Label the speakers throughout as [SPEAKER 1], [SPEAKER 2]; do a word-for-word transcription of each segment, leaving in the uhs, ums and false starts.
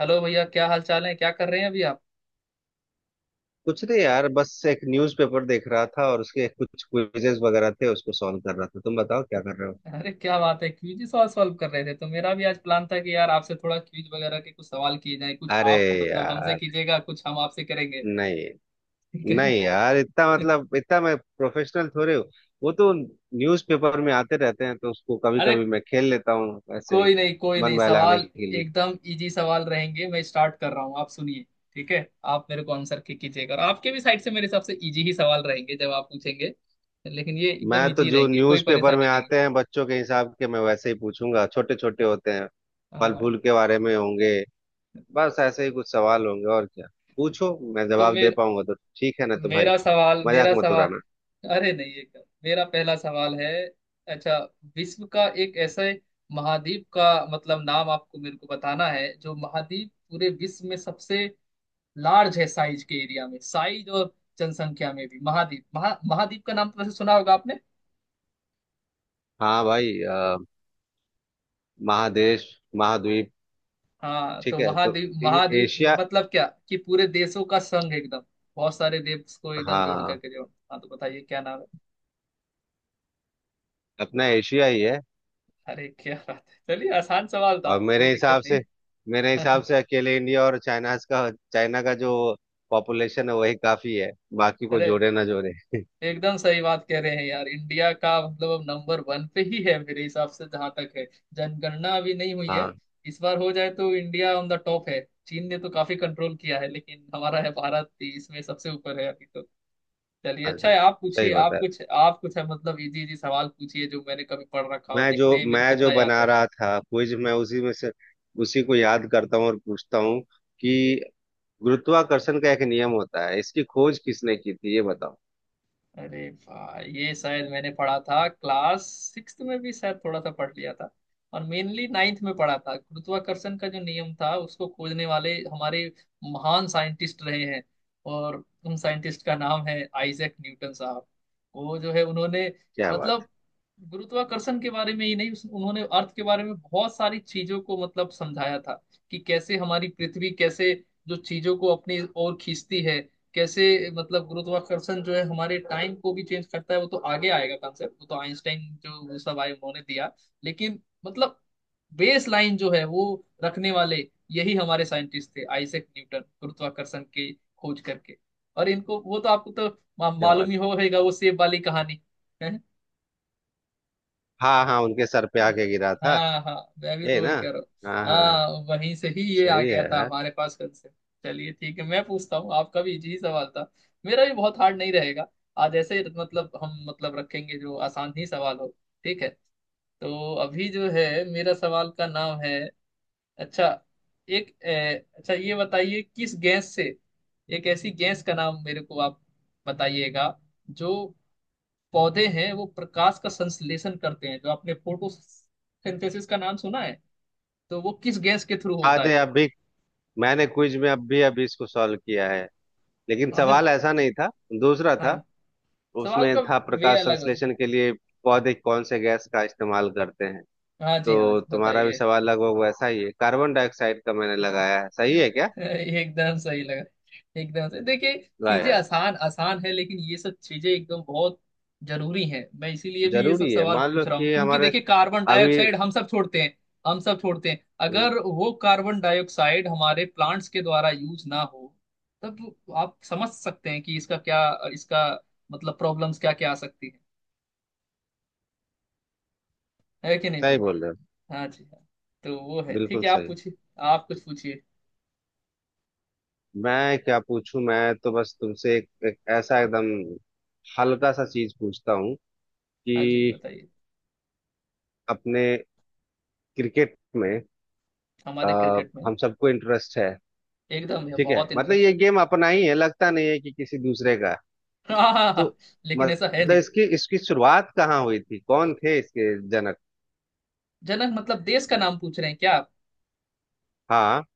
[SPEAKER 1] Hello भैया, क्या हाल चाल है? क्या कर रहे हैं अभी आप?
[SPEAKER 2] कुछ नहीं यार बस एक न्यूज़पेपर देख रहा था और उसके कुछ क्विजेस वगैरह थे उसको सॉल्व कर रहा था। तुम बताओ क्या कर रहे हो?
[SPEAKER 1] अरे क्या बात है, क्विज ही सवाल सॉल्व कर रहे थे। तो मेरा भी आज प्लान था कि यार, आपसे थोड़ा क्विज वगैरह के कुछ सवाल किए जाए। कुछ
[SPEAKER 2] अरे
[SPEAKER 1] आप मतलब हमसे
[SPEAKER 2] यार,
[SPEAKER 1] कीजिएगा, कुछ हम आपसे करेंगे।
[SPEAKER 2] नहीं।
[SPEAKER 1] ठीक है।
[SPEAKER 2] नहीं यार, इतना मतलब इतना मैं प्रोफेशनल थोड़े हूँ। वो तो न्यूज़पेपर में आते रहते हैं तो उसको कभी कभी
[SPEAKER 1] अरे
[SPEAKER 2] मैं खेल लेता हूँ, ऐसे ही
[SPEAKER 1] कोई नहीं कोई
[SPEAKER 2] मन
[SPEAKER 1] नहीं।
[SPEAKER 2] बहलाने
[SPEAKER 1] सवाल
[SPEAKER 2] के लिए।
[SPEAKER 1] एकदम इजी सवाल रहेंगे। मैं स्टार्ट कर रहा हूँ, आप सुनिए। ठीक है। आप मेरे को आंसर की कीजिएगा, और आपके भी साइड से मेरे हिसाब से इजी ही सवाल रहेंगे जब आप पूछेंगे। लेकिन ये एकदम
[SPEAKER 2] मैं तो
[SPEAKER 1] इजी
[SPEAKER 2] जो
[SPEAKER 1] रहेंगे, कोई
[SPEAKER 2] न्यूज़पेपर में
[SPEAKER 1] परेशानी नहीं है।
[SPEAKER 2] आते हैं बच्चों के हिसाब के, मैं वैसे ही पूछूंगा, छोटे छोटे होते हैं, फल
[SPEAKER 1] हाँ।
[SPEAKER 2] फूल के बारे में होंगे। बस ऐसे ही कुछ सवाल होंगे और क्या। पूछो, मैं
[SPEAKER 1] तो
[SPEAKER 2] जवाब दे
[SPEAKER 1] मेरे
[SPEAKER 2] पाऊंगा तो ठीक है ना, तो भाई
[SPEAKER 1] मेरा सवाल
[SPEAKER 2] मजाक
[SPEAKER 1] मेरा
[SPEAKER 2] मत
[SPEAKER 1] सवाल
[SPEAKER 2] उड़ाना।
[SPEAKER 1] अरे नहीं, ये क्या, मेरा पहला सवाल है। अच्छा, विश्व का एक ऐसे महाद्वीप का मतलब नाम आपको मेरे को बताना है, जो महाद्वीप पूरे विश्व में सबसे लार्ज है साइज के एरिया में, साइज और जनसंख्या में भी। महाद्वीप महा महाद्वीप का नाम तो वैसे सुना होगा आपने।
[SPEAKER 2] हाँ भाई, अ, महादेश, महाद्वीप।
[SPEAKER 1] हाँ, तो
[SPEAKER 2] ठीक है, तो
[SPEAKER 1] महाद्वीप
[SPEAKER 2] ए-
[SPEAKER 1] महाद्वीप,
[SPEAKER 2] एशिया।
[SPEAKER 1] मतलब क्या कि पूरे देशों का संघ, एकदम बहुत सारे देश को एकदम जोड़
[SPEAKER 2] हाँ,
[SPEAKER 1] करके जो। हाँ तो बताइए क्या नाम है।
[SPEAKER 2] अपना एशिया ही है।
[SPEAKER 1] अरे क्या बात है, चलिए आसान सवाल था,
[SPEAKER 2] और
[SPEAKER 1] कोई
[SPEAKER 2] मेरे
[SPEAKER 1] दिक्कत
[SPEAKER 2] हिसाब
[SPEAKER 1] नहीं
[SPEAKER 2] से मेरे
[SPEAKER 1] है।
[SPEAKER 2] हिसाब से अकेले इंडिया और चाइना का चाइना का जो पॉपुलेशन है वही काफी है, बाकी को
[SPEAKER 1] अरे
[SPEAKER 2] जोड़े ना जोड़े।
[SPEAKER 1] एकदम सही बात कह रहे हैं यार। इंडिया का मतलब अब नंबर वन पे ही है मेरे हिसाब से, जहां तक है। जनगणना अभी नहीं हुई है।
[SPEAKER 2] हाँ
[SPEAKER 1] इस बार हो जाए तो इंडिया ऑन द टॉप है। चीन ने तो काफी कंट्रोल किया है, लेकिन हमारा है, भारत ही इसमें सबसे ऊपर है अभी तो। चलिए
[SPEAKER 2] हाँ
[SPEAKER 1] अच्छा
[SPEAKER 2] जी,
[SPEAKER 1] है। आप
[SPEAKER 2] सही
[SPEAKER 1] पूछिए, आप
[SPEAKER 2] बताया।
[SPEAKER 1] कुछ आप कुछ है मतलब, इजी इजी सवाल पूछिए जो मैंने कभी पढ़ रखा हो।
[SPEAKER 2] मैं जो
[SPEAKER 1] देखते हैं मेरे को
[SPEAKER 2] मैं जो
[SPEAKER 1] कितना याद
[SPEAKER 2] बना
[SPEAKER 1] है।
[SPEAKER 2] रहा था क्विज, मैं उसी में से उसी को याद करता हूँ और पूछता हूँ कि गुरुत्वाकर्षण का एक नियम होता है, इसकी खोज किसने की थी ये बताओ।
[SPEAKER 1] अरे भाई, ये शायद मैंने पढ़ा था क्लास सिक्स में भी, शायद थोड़ा सा पढ़ लिया था। और मेनली नाइन्थ में पढ़ा था। गुरुत्वाकर्षण का जो नियम था उसको खोजने वाले हमारे महान साइंटिस्ट रहे हैं, और उन साइंटिस्ट का नाम है आइजैक न्यूटन साहब। वो जो है, उन्होंने
[SPEAKER 2] क्या बात है,
[SPEAKER 1] मतलब गुरुत्वाकर्षण के बारे में ही नहीं, उस- उन्होंने अर्थ के बारे में बहुत सारी चीजों को मतलब समझाया था, कि कैसे हमारी पृथ्वी कैसे जो चीजों को अपनी ओर खींचती है, कैसे मतलब गुरुत्वाकर्षण जो है हमारे टाइम को भी चेंज करता है। वो तो आगे आएगा कॉन्सेप्ट, वो तो आइंस्टाइन जो वो सब आए उन्होंने दिया। लेकिन मतलब बेस लाइन जो है वो रखने वाले यही हमारे साइंटिस्ट थे आइजैक न्यूटन, गुरुत्वाकर्षण की खोज करके। और इनको, वो तो आपको तो मा,
[SPEAKER 2] क्या
[SPEAKER 1] मालूम
[SPEAKER 2] बात।
[SPEAKER 1] ही होगा वो सेब वाली कहानी है।
[SPEAKER 2] हाँ हाँ, उनके सर पे आके गिरा था।
[SPEAKER 1] हाँ हाँ, मैं भी
[SPEAKER 2] ये
[SPEAKER 1] तो
[SPEAKER 2] ना।
[SPEAKER 1] वही कर रहा हूँ
[SPEAKER 2] हाँ हाँ।
[SPEAKER 1] हाँ। वहीं से ही ये आ
[SPEAKER 2] सही
[SPEAKER 1] गया था
[SPEAKER 2] है।
[SPEAKER 1] हमारे पास कंसेप्ट। चलिए ठीक है। मैं पूछता हूँ, आपका भी इजी ही सवाल था, मेरा भी बहुत हार्ड नहीं रहेगा। आज ऐसे ही मतलब हम मतलब रखेंगे जो आसान ही सवाल हो। ठीक है। तो अभी जो है, मेरा सवाल का नाम है। अच्छा, एक ए, अच्छा ये बताइए, किस गैस से, एक ऐसी गैस का नाम मेरे को आप बताइएगा। जो पौधे हैं वो प्रकाश का संश्लेषण करते हैं, जो आपने फोटोसिंथेसिस का नाम सुना है, तो वो किस गैस के थ्रू होता
[SPEAKER 2] आज
[SPEAKER 1] है?
[SPEAKER 2] है, अभी मैंने क्विज में अभी अभी इसको सॉल्व किया है, लेकिन
[SPEAKER 1] अरे
[SPEAKER 2] सवाल ऐसा नहीं था, दूसरा
[SPEAKER 1] हाँ,
[SPEAKER 2] था।
[SPEAKER 1] सवाल का
[SPEAKER 2] उसमें था,
[SPEAKER 1] वे
[SPEAKER 2] प्रकाश
[SPEAKER 1] अलग होता
[SPEAKER 2] संश्लेषण के लिए पौधे कौन से गैस का इस्तेमाल करते हैं।
[SPEAKER 1] है। हाँ जी, हाँ
[SPEAKER 2] तो
[SPEAKER 1] जी
[SPEAKER 2] तुम्हारा भी
[SPEAKER 1] बताइए।
[SPEAKER 2] सवाल लगभग वैसा ही है, कार्बन डाइऑक्साइड का मैंने लगाया है, सही है क्या?
[SPEAKER 1] एकदम सही लगा। एकदम से देखिए,
[SPEAKER 2] लगाया
[SPEAKER 1] चीजें
[SPEAKER 2] है।
[SPEAKER 1] आसान आसान है, लेकिन ये सब चीजें एकदम बहुत जरूरी हैं। मैं इसीलिए भी ये सब
[SPEAKER 2] जरूरी है,
[SPEAKER 1] सवाल
[SPEAKER 2] मान लो
[SPEAKER 1] पूछ रहा हूँ,
[SPEAKER 2] कि
[SPEAKER 1] क्योंकि
[SPEAKER 2] हमारे
[SPEAKER 1] देखिए, कार्बन
[SPEAKER 2] अभी।
[SPEAKER 1] डाइऑक्साइड हम सब छोड़ते हैं, हम सब छोड़ते हैं।
[SPEAKER 2] हम्म,
[SPEAKER 1] अगर वो कार्बन डाइऑक्साइड हमारे प्लांट्स के द्वारा यूज ना हो, तब आप समझ सकते हैं कि इसका क्या, इसका मतलब प्रॉब्लम्स क्या क्या आ सकती है है कि नहीं
[SPEAKER 2] सही बोल
[SPEAKER 1] भैया।
[SPEAKER 2] रहे हो।
[SPEAKER 1] हाँ जी हाँ, तो वो है। ठीक
[SPEAKER 2] बिल्कुल
[SPEAKER 1] है, आप
[SPEAKER 2] सही।
[SPEAKER 1] पूछिए, आप कुछ पूछिए।
[SPEAKER 2] मैं क्या पूछूं, मैं तो बस तुमसे एक, एक ऐसा एकदम हल्का सा चीज पूछता हूँ
[SPEAKER 1] हाँ जी
[SPEAKER 2] कि
[SPEAKER 1] बताइए।
[SPEAKER 2] अपने क्रिकेट में, आ,
[SPEAKER 1] हमारे क्रिकेट में
[SPEAKER 2] हम सबको इंटरेस्ट है।
[SPEAKER 1] एकदम भैया
[SPEAKER 2] ठीक है,
[SPEAKER 1] बहुत
[SPEAKER 2] मतलब
[SPEAKER 1] इंटरेस्ट
[SPEAKER 2] ये
[SPEAKER 1] है।
[SPEAKER 2] गेम अपना ही है, लगता नहीं है कि किसी दूसरे का है। तो
[SPEAKER 1] हाँ, लेकिन ऐसा है
[SPEAKER 2] मतलब
[SPEAKER 1] नहीं।
[SPEAKER 2] इसकी इसकी शुरुआत कहाँ हुई थी, कौन थे इसके जनक?
[SPEAKER 1] जनक मतलब देश का नाम पूछ रहे हैं क्या आप?
[SPEAKER 2] हाँ,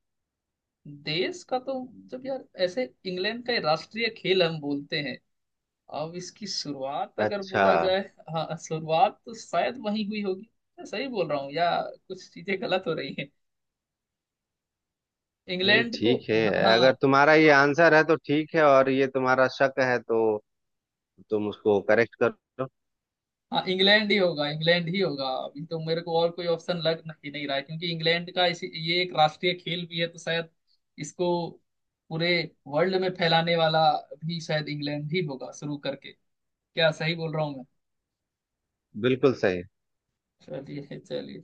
[SPEAKER 1] देश का तो, जब यार ऐसे इंग्लैंड का ये राष्ट्रीय खेल हम बोलते हैं, अब इसकी शुरुआत अगर
[SPEAKER 2] अच्छा।
[SPEAKER 1] बोला जाए, हाँ शुरुआत तो शायद वहीं हुई होगी। मैं सही बोल रहा हूँ या कुछ चीजें गलत हो रही हैं?
[SPEAKER 2] नहीं
[SPEAKER 1] इंग्लैंड को।
[SPEAKER 2] ठीक है,
[SPEAKER 1] हाँ
[SPEAKER 2] अगर तुम्हारा ये आंसर है तो ठीक है, और ये तुम्हारा शक है तो तुम उसको करेक्ट करो।
[SPEAKER 1] हाँ, इंग्लैंड ही होगा, इंग्लैंड ही होगा। अभी तो मेरे को और कोई ऑप्शन लग नहीं, नहीं रहा है, क्योंकि इंग्लैंड का इसी ये एक राष्ट्रीय खेल भी है, तो शायद इसको पूरे वर्ल्ड में फैलाने वाला भी शायद इंग्लैंड ही होगा, शुरू करके। क्या सही बोल रहा हूँ?
[SPEAKER 2] बिल्कुल सही।
[SPEAKER 1] चलिए चलिए।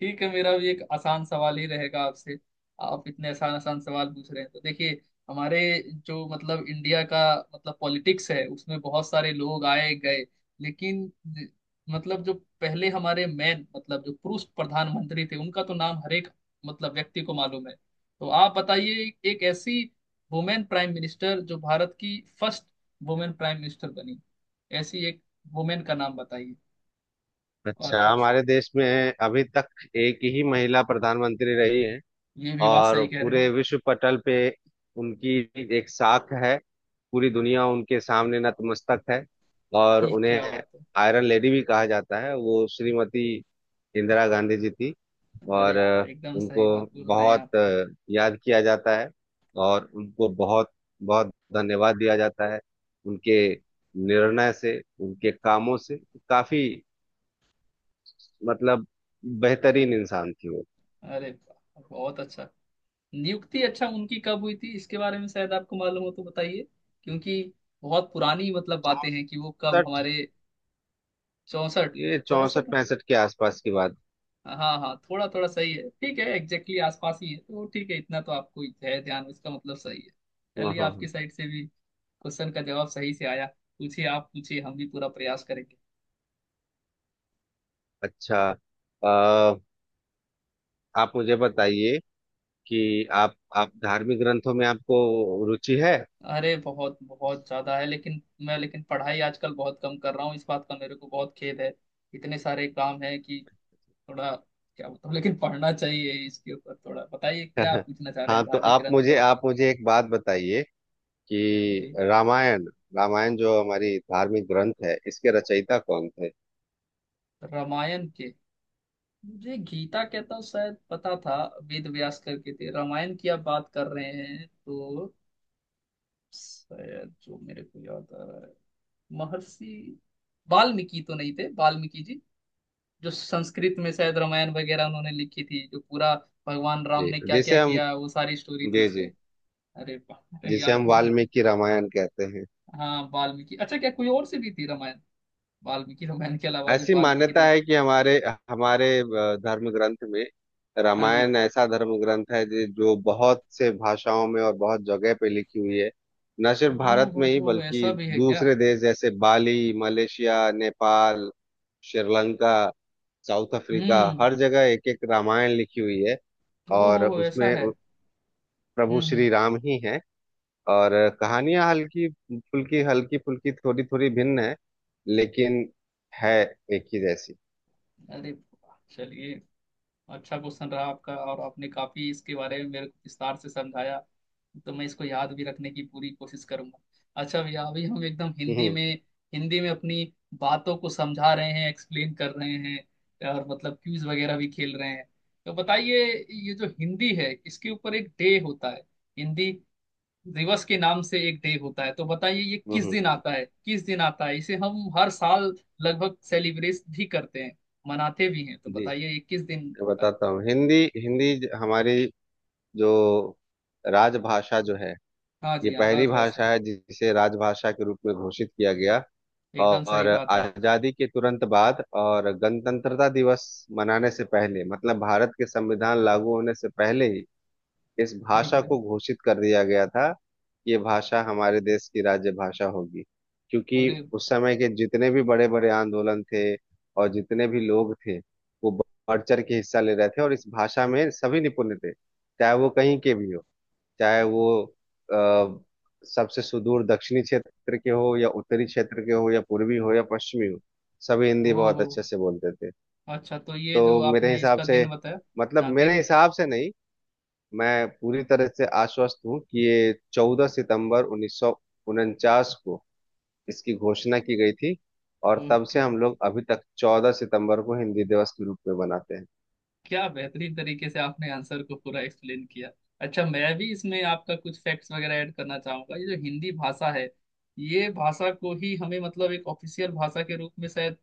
[SPEAKER 1] ठीक है, मेरा भी एक आसान सवाल ही रहेगा आपसे। आप इतने आसान आसान सवाल पूछ रहे हैं तो देखिए, हमारे जो मतलब इंडिया का मतलब पॉलिटिक्स है उसमें बहुत सारे लोग आए गए, लेकिन मतलब जो पहले हमारे मैन मतलब जो पुरुष प्रधानमंत्री थे उनका तो नाम हर एक मतलब व्यक्ति को मालूम है। तो आप बताइए, एक ऐसी वुमेन प्राइम मिनिस्टर जो भारत की फर्स्ट वुमेन प्राइम मिनिस्टर बनी, ऐसी एक वुमेन का नाम बताइए। और
[SPEAKER 2] अच्छा,
[SPEAKER 1] अच्छा,
[SPEAKER 2] हमारे देश में अभी तक एक ही महिला प्रधानमंत्री रही है,
[SPEAKER 1] ये भी बात
[SPEAKER 2] और
[SPEAKER 1] सही कह रहे
[SPEAKER 2] पूरे
[SPEAKER 1] हैं।
[SPEAKER 2] विश्व पटल पे उनकी एक साख है, पूरी दुनिया उनके सामने नतमस्तक है, और
[SPEAKER 1] ये क्या
[SPEAKER 2] उन्हें
[SPEAKER 1] बात
[SPEAKER 2] आयरन लेडी भी कहा जाता है, वो श्रीमती इंदिरा गांधी जी थी।
[SPEAKER 1] है। अरे
[SPEAKER 2] और
[SPEAKER 1] वाह,
[SPEAKER 2] अ,
[SPEAKER 1] एकदम
[SPEAKER 2] उनको
[SPEAKER 1] सही बात बोल रहे हैं आप।
[SPEAKER 2] बहुत अ, याद किया जाता है, और उनको बहुत बहुत धन्यवाद दिया जाता है, उनके निर्णय से उनके कामों से, काफी मतलब बेहतरीन इंसान थी वो।
[SPEAKER 1] अरे वाह बहुत अच्छा। नियुक्ति, अच्छा उनकी कब हुई थी इसके बारे में शायद आपको मालूम हो तो बताइए, क्योंकि बहुत पुरानी मतलब बातें
[SPEAKER 2] चौसठ।
[SPEAKER 1] हैं, कि वो कब हमारे। चौसठ?
[SPEAKER 2] ये चौसठ
[SPEAKER 1] चौसठ,
[SPEAKER 2] पैंसठ के आसपास की बात।
[SPEAKER 1] हाँ हाँ, थोड़ा थोड़ा सही है, ठीक है, एग्जैक्टली आसपास ही है। तो ठीक है, इतना तो आपको है ध्यान, इसका मतलब सही है।
[SPEAKER 2] हाँ
[SPEAKER 1] चलिए,
[SPEAKER 2] हाँ
[SPEAKER 1] आपकी
[SPEAKER 2] हाँ।
[SPEAKER 1] साइड से भी क्वेश्चन का जवाब सही से आया। पूछिए, आप पूछिए, हम भी पूरा प्रयास करेंगे।
[SPEAKER 2] अच्छा, आ, आप मुझे बताइए कि आप आप धार्मिक ग्रंथों में आपको रुचि है?
[SPEAKER 1] अरे बहुत बहुत ज्यादा है, लेकिन मैं, लेकिन पढ़ाई आजकल बहुत कम कर रहा हूँ, इस बात का मेरे को बहुत खेद है। इतने सारे काम है कि थोड़ा क्या बताऊँ, लेकिन पढ़ना चाहिए इसके ऊपर थोड़ा। बताइए क्या आप पूछना चाह रहे हैं
[SPEAKER 2] हाँ, तो
[SPEAKER 1] धार्मिक
[SPEAKER 2] आप
[SPEAKER 1] ग्रंथ के
[SPEAKER 2] मुझे
[SPEAKER 1] बारे
[SPEAKER 2] आप मुझे एक बात बताइए
[SPEAKER 1] में।
[SPEAKER 2] कि
[SPEAKER 1] जी,
[SPEAKER 2] रामायण, रामायण जो हमारी धार्मिक ग्रंथ है, इसके रचयिता कौन थे?
[SPEAKER 1] रामायण के, मुझे गीता के तो शायद पता था। वेद व्यास करके थे, रामायण की आप बात कर रहे हैं तो शायद जो मेरे को याद आ रहा है, महर्षि वाल्मीकि तो नहीं थे, वाल्मीकि जी, जो संस्कृत में शायद रामायण वगैरह उन्होंने लिखी थी, जो पूरा भगवान
[SPEAKER 2] जी,
[SPEAKER 1] राम ने क्या क्या
[SPEAKER 2] जिसे हम,
[SPEAKER 1] किया वो सारी स्टोरी थी
[SPEAKER 2] जी
[SPEAKER 1] उसमें।
[SPEAKER 2] जी,
[SPEAKER 1] अरे बाप रे,
[SPEAKER 2] जिसे हम
[SPEAKER 1] याद है ये तो।
[SPEAKER 2] वाल्मीकि रामायण कहते हैं।
[SPEAKER 1] हाँ वाल्मीकि। अच्छा, क्या कोई और से भी थी रामायण? वाल्मीकि रामायण के अलावा जो
[SPEAKER 2] ऐसी
[SPEAKER 1] वाल्मीकि
[SPEAKER 2] मान्यता
[SPEAKER 1] रामायण।
[SPEAKER 2] है कि हमारे हमारे अ, धर्म ग्रंथ में,
[SPEAKER 1] हाँ जी।
[SPEAKER 2] रामायण ऐसा धर्म ग्रंथ है जे- जो बहुत से भाषाओं में और बहुत जगह पे लिखी हुई है, न सिर्फ
[SPEAKER 1] हो
[SPEAKER 2] भारत
[SPEAKER 1] हो
[SPEAKER 2] में ही
[SPEAKER 1] हो
[SPEAKER 2] बल्कि
[SPEAKER 1] ऐसा भी है क्या?
[SPEAKER 2] दूसरे देश जैसे Bali, Malaysia, Nepal, Sri Lanka, South Africa,
[SPEAKER 1] हम्म।
[SPEAKER 2] हर जगह एक एक रामायण लिखी हुई है।
[SPEAKER 1] हो
[SPEAKER 2] और
[SPEAKER 1] हो ऐसा
[SPEAKER 2] उसमें
[SPEAKER 1] है।
[SPEAKER 2] उ- प्रभु
[SPEAKER 1] हम्म हम्म।
[SPEAKER 2] श्री राम ही हैं, और कहानियां हल्की फुल्की हल्की फुल्की थोड़ी थोड़ी भिन्न है, लेकिन है एक ही जैसी।
[SPEAKER 1] अरे वाह, चलिए, अच्छा क्वेश्चन रहा आपका, और आपने काफी इसके बारे में मेरे को विस्तार से समझाया। तो मैं इसको याद भी रखने की पूरी कोशिश करूंगा। अच्छा भैया, अभी हम एकदम हिंदी
[SPEAKER 2] हम्म
[SPEAKER 1] में, हिंदी में अपनी बातों को समझा रहे हैं, एक्सप्लेन कर रहे हैं, और मतलब क्विज वगैरह भी खेल रहे हैं। तो बताइए, ये जो हिंदी है, इसके ऊपर एक डे होता है, हिंदी दिवस के नाम से एक डे होता है। तो बताइए ये
[SPEAKER 2] हम्म
[SPEAKER 1] किस दिन
[SPEAKER 2] हम्म।
[SPEAKER 1] आता है, किस दिन आता है, इसे हम हर साल लगभग सेलिब्रेट भी करते हैं, मनाते भी हैं। तो
[SPEAKER 2] जी,
[SPEAKER 1] बताइए ये किस दिन
[SPEAKER 2] मैं
[SPEAKER 1] होता है।
[SPEAKER 2] बताता हूँ, हिंदी, हिंदी ज- हमारी जो राजभाषा जो है,
[SPEAKER 1] हाँ
[SPEAKER 2] ये
[SPEAKER 1] जी हाँ,
[SPEAKER 2] पहली
[SPEAKER 1] राजभाषा।
[SPEAKER 2] भाषा है जिसे राजभाषा के रूप में घोषित किया गया,
[SPEAKER 1] एकदम
[SPEAKER 2] और
[SPEAKER 1] सही बात है।
[SPEAKER 2] आजादी के तुरंत बाद और गणतंत्रता दिवस मनाने से पहले, मतलब भारत के संविधान लागू होने से पहले ही, इस
[SPEAKER 1] जी
[SPEAKER 2] भाषा
[SPEAKER 1] भैया।
[SPEAKER 2] को घोषित कर दिया गया था कि ये भाषा हमारे देश की राज्य भाषा होगी। क्योंकि
[SPEAKER 1] अरे।
[SPEAKER 2] उस समय के जितने भी बड़े बड़े आंदोलन थे और जितने भी लोग थे, वो बढ़ चढ़ के हिस्सा ले रहे थे, और इस भाषा में सभी निपुण थे। चाहे वो कहीं के भी हो, चाहे वो अ, सबसे सुदूर दक्षिणी क्षेत्र के हो या उत्तरी क्षेत्र के हो या पूर्वी हो या पश्चिमी हो, सभी हिंदी
[SPEAKER 1] ओ
[SPEAKER 2] बहुत
[SPEAKER 1] हो।
[SPEAKER 2] अच्छे से बोलते थे।
[SPEAKER 1] अच्छा, तो ये जो
[SPEAKER 2] तो मेरे
[SPEAKER 1] आपने
[SPEAKER 2] हिसाब
[SPEAKER 1] इसका
[SPEAKER 2] से,
[SPEAKER 1] दिन बताया,
[SPEAKER 2] मतलब
[SPEAKER 1] हाँ
[SPEAKER 2] मेरे
[SPEAKER 1] दिन।
[SPEAKER 2] हिसाब से नहीं, मैं पूरी तरह से आश्वस्त हूँ कि ये चौदह सितंबर उन्नीस सौ उनचास को इसकी घोषणा की गई थी, और तब से
[SPEAKER 1] ओके,
[SPEAKER 2] हम लोग अभी तक चौदह सितंबर को हिंदी दिवस के रूप में मनाते हैं।
[SPEAKER 1] क्या बेहतरीन तरीके से आपने आंसर को पूरा एक्सप्लेन किया। अच्छा, मैं भी इसमें आपका कुछ फैक्ट्स वगैरह ऐड करना चाहूंगा। ये जो हिंदी भाषा है, ये भाषा को ही हमें मतलब एक ऑफिशियल भाषा के रूप में शायद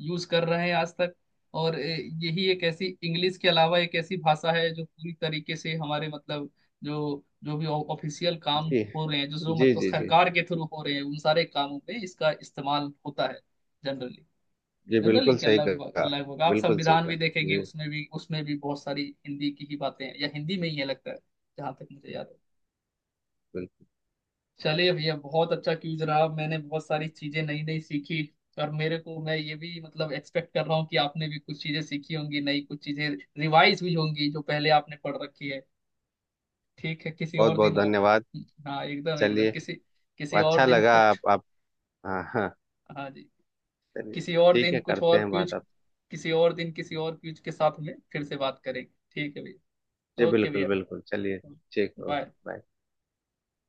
[SPEAKER 1] यूज कर रहे हैं आज तक। और ए, यही एक ऐसी, इंग्लिश के अलावा एक ऐसी भाषा है, जो पूरी तरीके से हमारे मतलब जो जो भी ऑफिशियल काम
[SPEAKER 2] जी
[SPEAKER 1] हो रहे हैं, जो जो
[SPEAKER 2] जी
[SPEAKER 1] मतलब
[SPEAKER 2] जी जी
[SPEAKER 1] सरकार के थ्रू हो रहे हैं, उन सारे कामों में इसका इस्तेमाल होता है। जनरली,
[SPEAKER 2] जी,
[SPEAKER 1] जनरली
[SPEAKER 2] बिल्कुल
[SPEAKER 1] क्या
[SPEAKER 2] सही
[SPEAKER 1] लगभग
[SPEAKER 2] कहा।
[SPEAKER 1] लगभग, आप
[SPEAKER 2] बिल्कुल सही
[SPEAKER 1] संविधान
[SPEAKER 2] कहा।
[SPEAKER 1] भी देखेंगे,
[SPEAKER 2] जी
[SPEAKER 1] उसमें भी उसमें भी बहुत सारी हिंदी की ही बातें हैं, या हिंदी में ही है लगता है, जहां तक मुझे याद है।
[SPEAKER 2] बिल्कुल।
[SPEAKER 1] चलिए भैया, बहुत अच्छा क्यूज रहा, मैंने बहुत सारी चीजें नई नई सीखी, और मेरे को, मैं ये भी मतलब एक्सपेक्ट कर रहा हूँ कि आपने भी कुछ चीजें सीखी होंगी नई, कुछ चीजें रिवाइज हुई होंगी जो पहले आपने पढ़ रखी है। ठीक है, किसी
[SPEAKER 2] बहुत
[SPEAKER 1] और
[SPEAKER 2] बहुत
[SPEAKER 1] दिन
[SPEAKER 2] धन्यवाद।
[SPEAKER 1] और-। हाँ एकदम एकदम,
[SPEAKER 2] चलिए,
[SPEAKER 1] किसी, किसी और
[SPEAKER 2] अच्छा
[SPEAKER 1] दिन
[SPEAKER 2] लगा,
[SPEAKER 1] कुछ,
[SPEAKER 2] आप आप। हाँ हाँ।
[SPEAKER 1] हाँ जी,
[SPEAKER 2] चलिए
[SPEAKER 1] किसी और
[SPEAKER 2] ठीक
[SPEAKER 1] दिन
[SPEAKER 2] है,
[SPEAKER 1] कुछ
[SPEAKER 2] करते
[SPEAKER 1] और
[SPEAKER 2] हैं
[SPEAKER 1] क्यूज,
[SPEAKER 2] बात आप।
[SPEAKER 1] किसी और दिन किसी और क्यूज के साथ में फिर से बात करेंगे, ठीक है भैया।
[SPEAKER 2] जी,
[SPEAKER 1] ओके
[SPEAKER 2] बिल्कुल
[SPEAKER 1] भैया।
[SPEAKER 2] बिल्कुल, चलिए। ठीक, ओके
[SPEAKER 1] बाय।
[SPEAKER 2] बाय।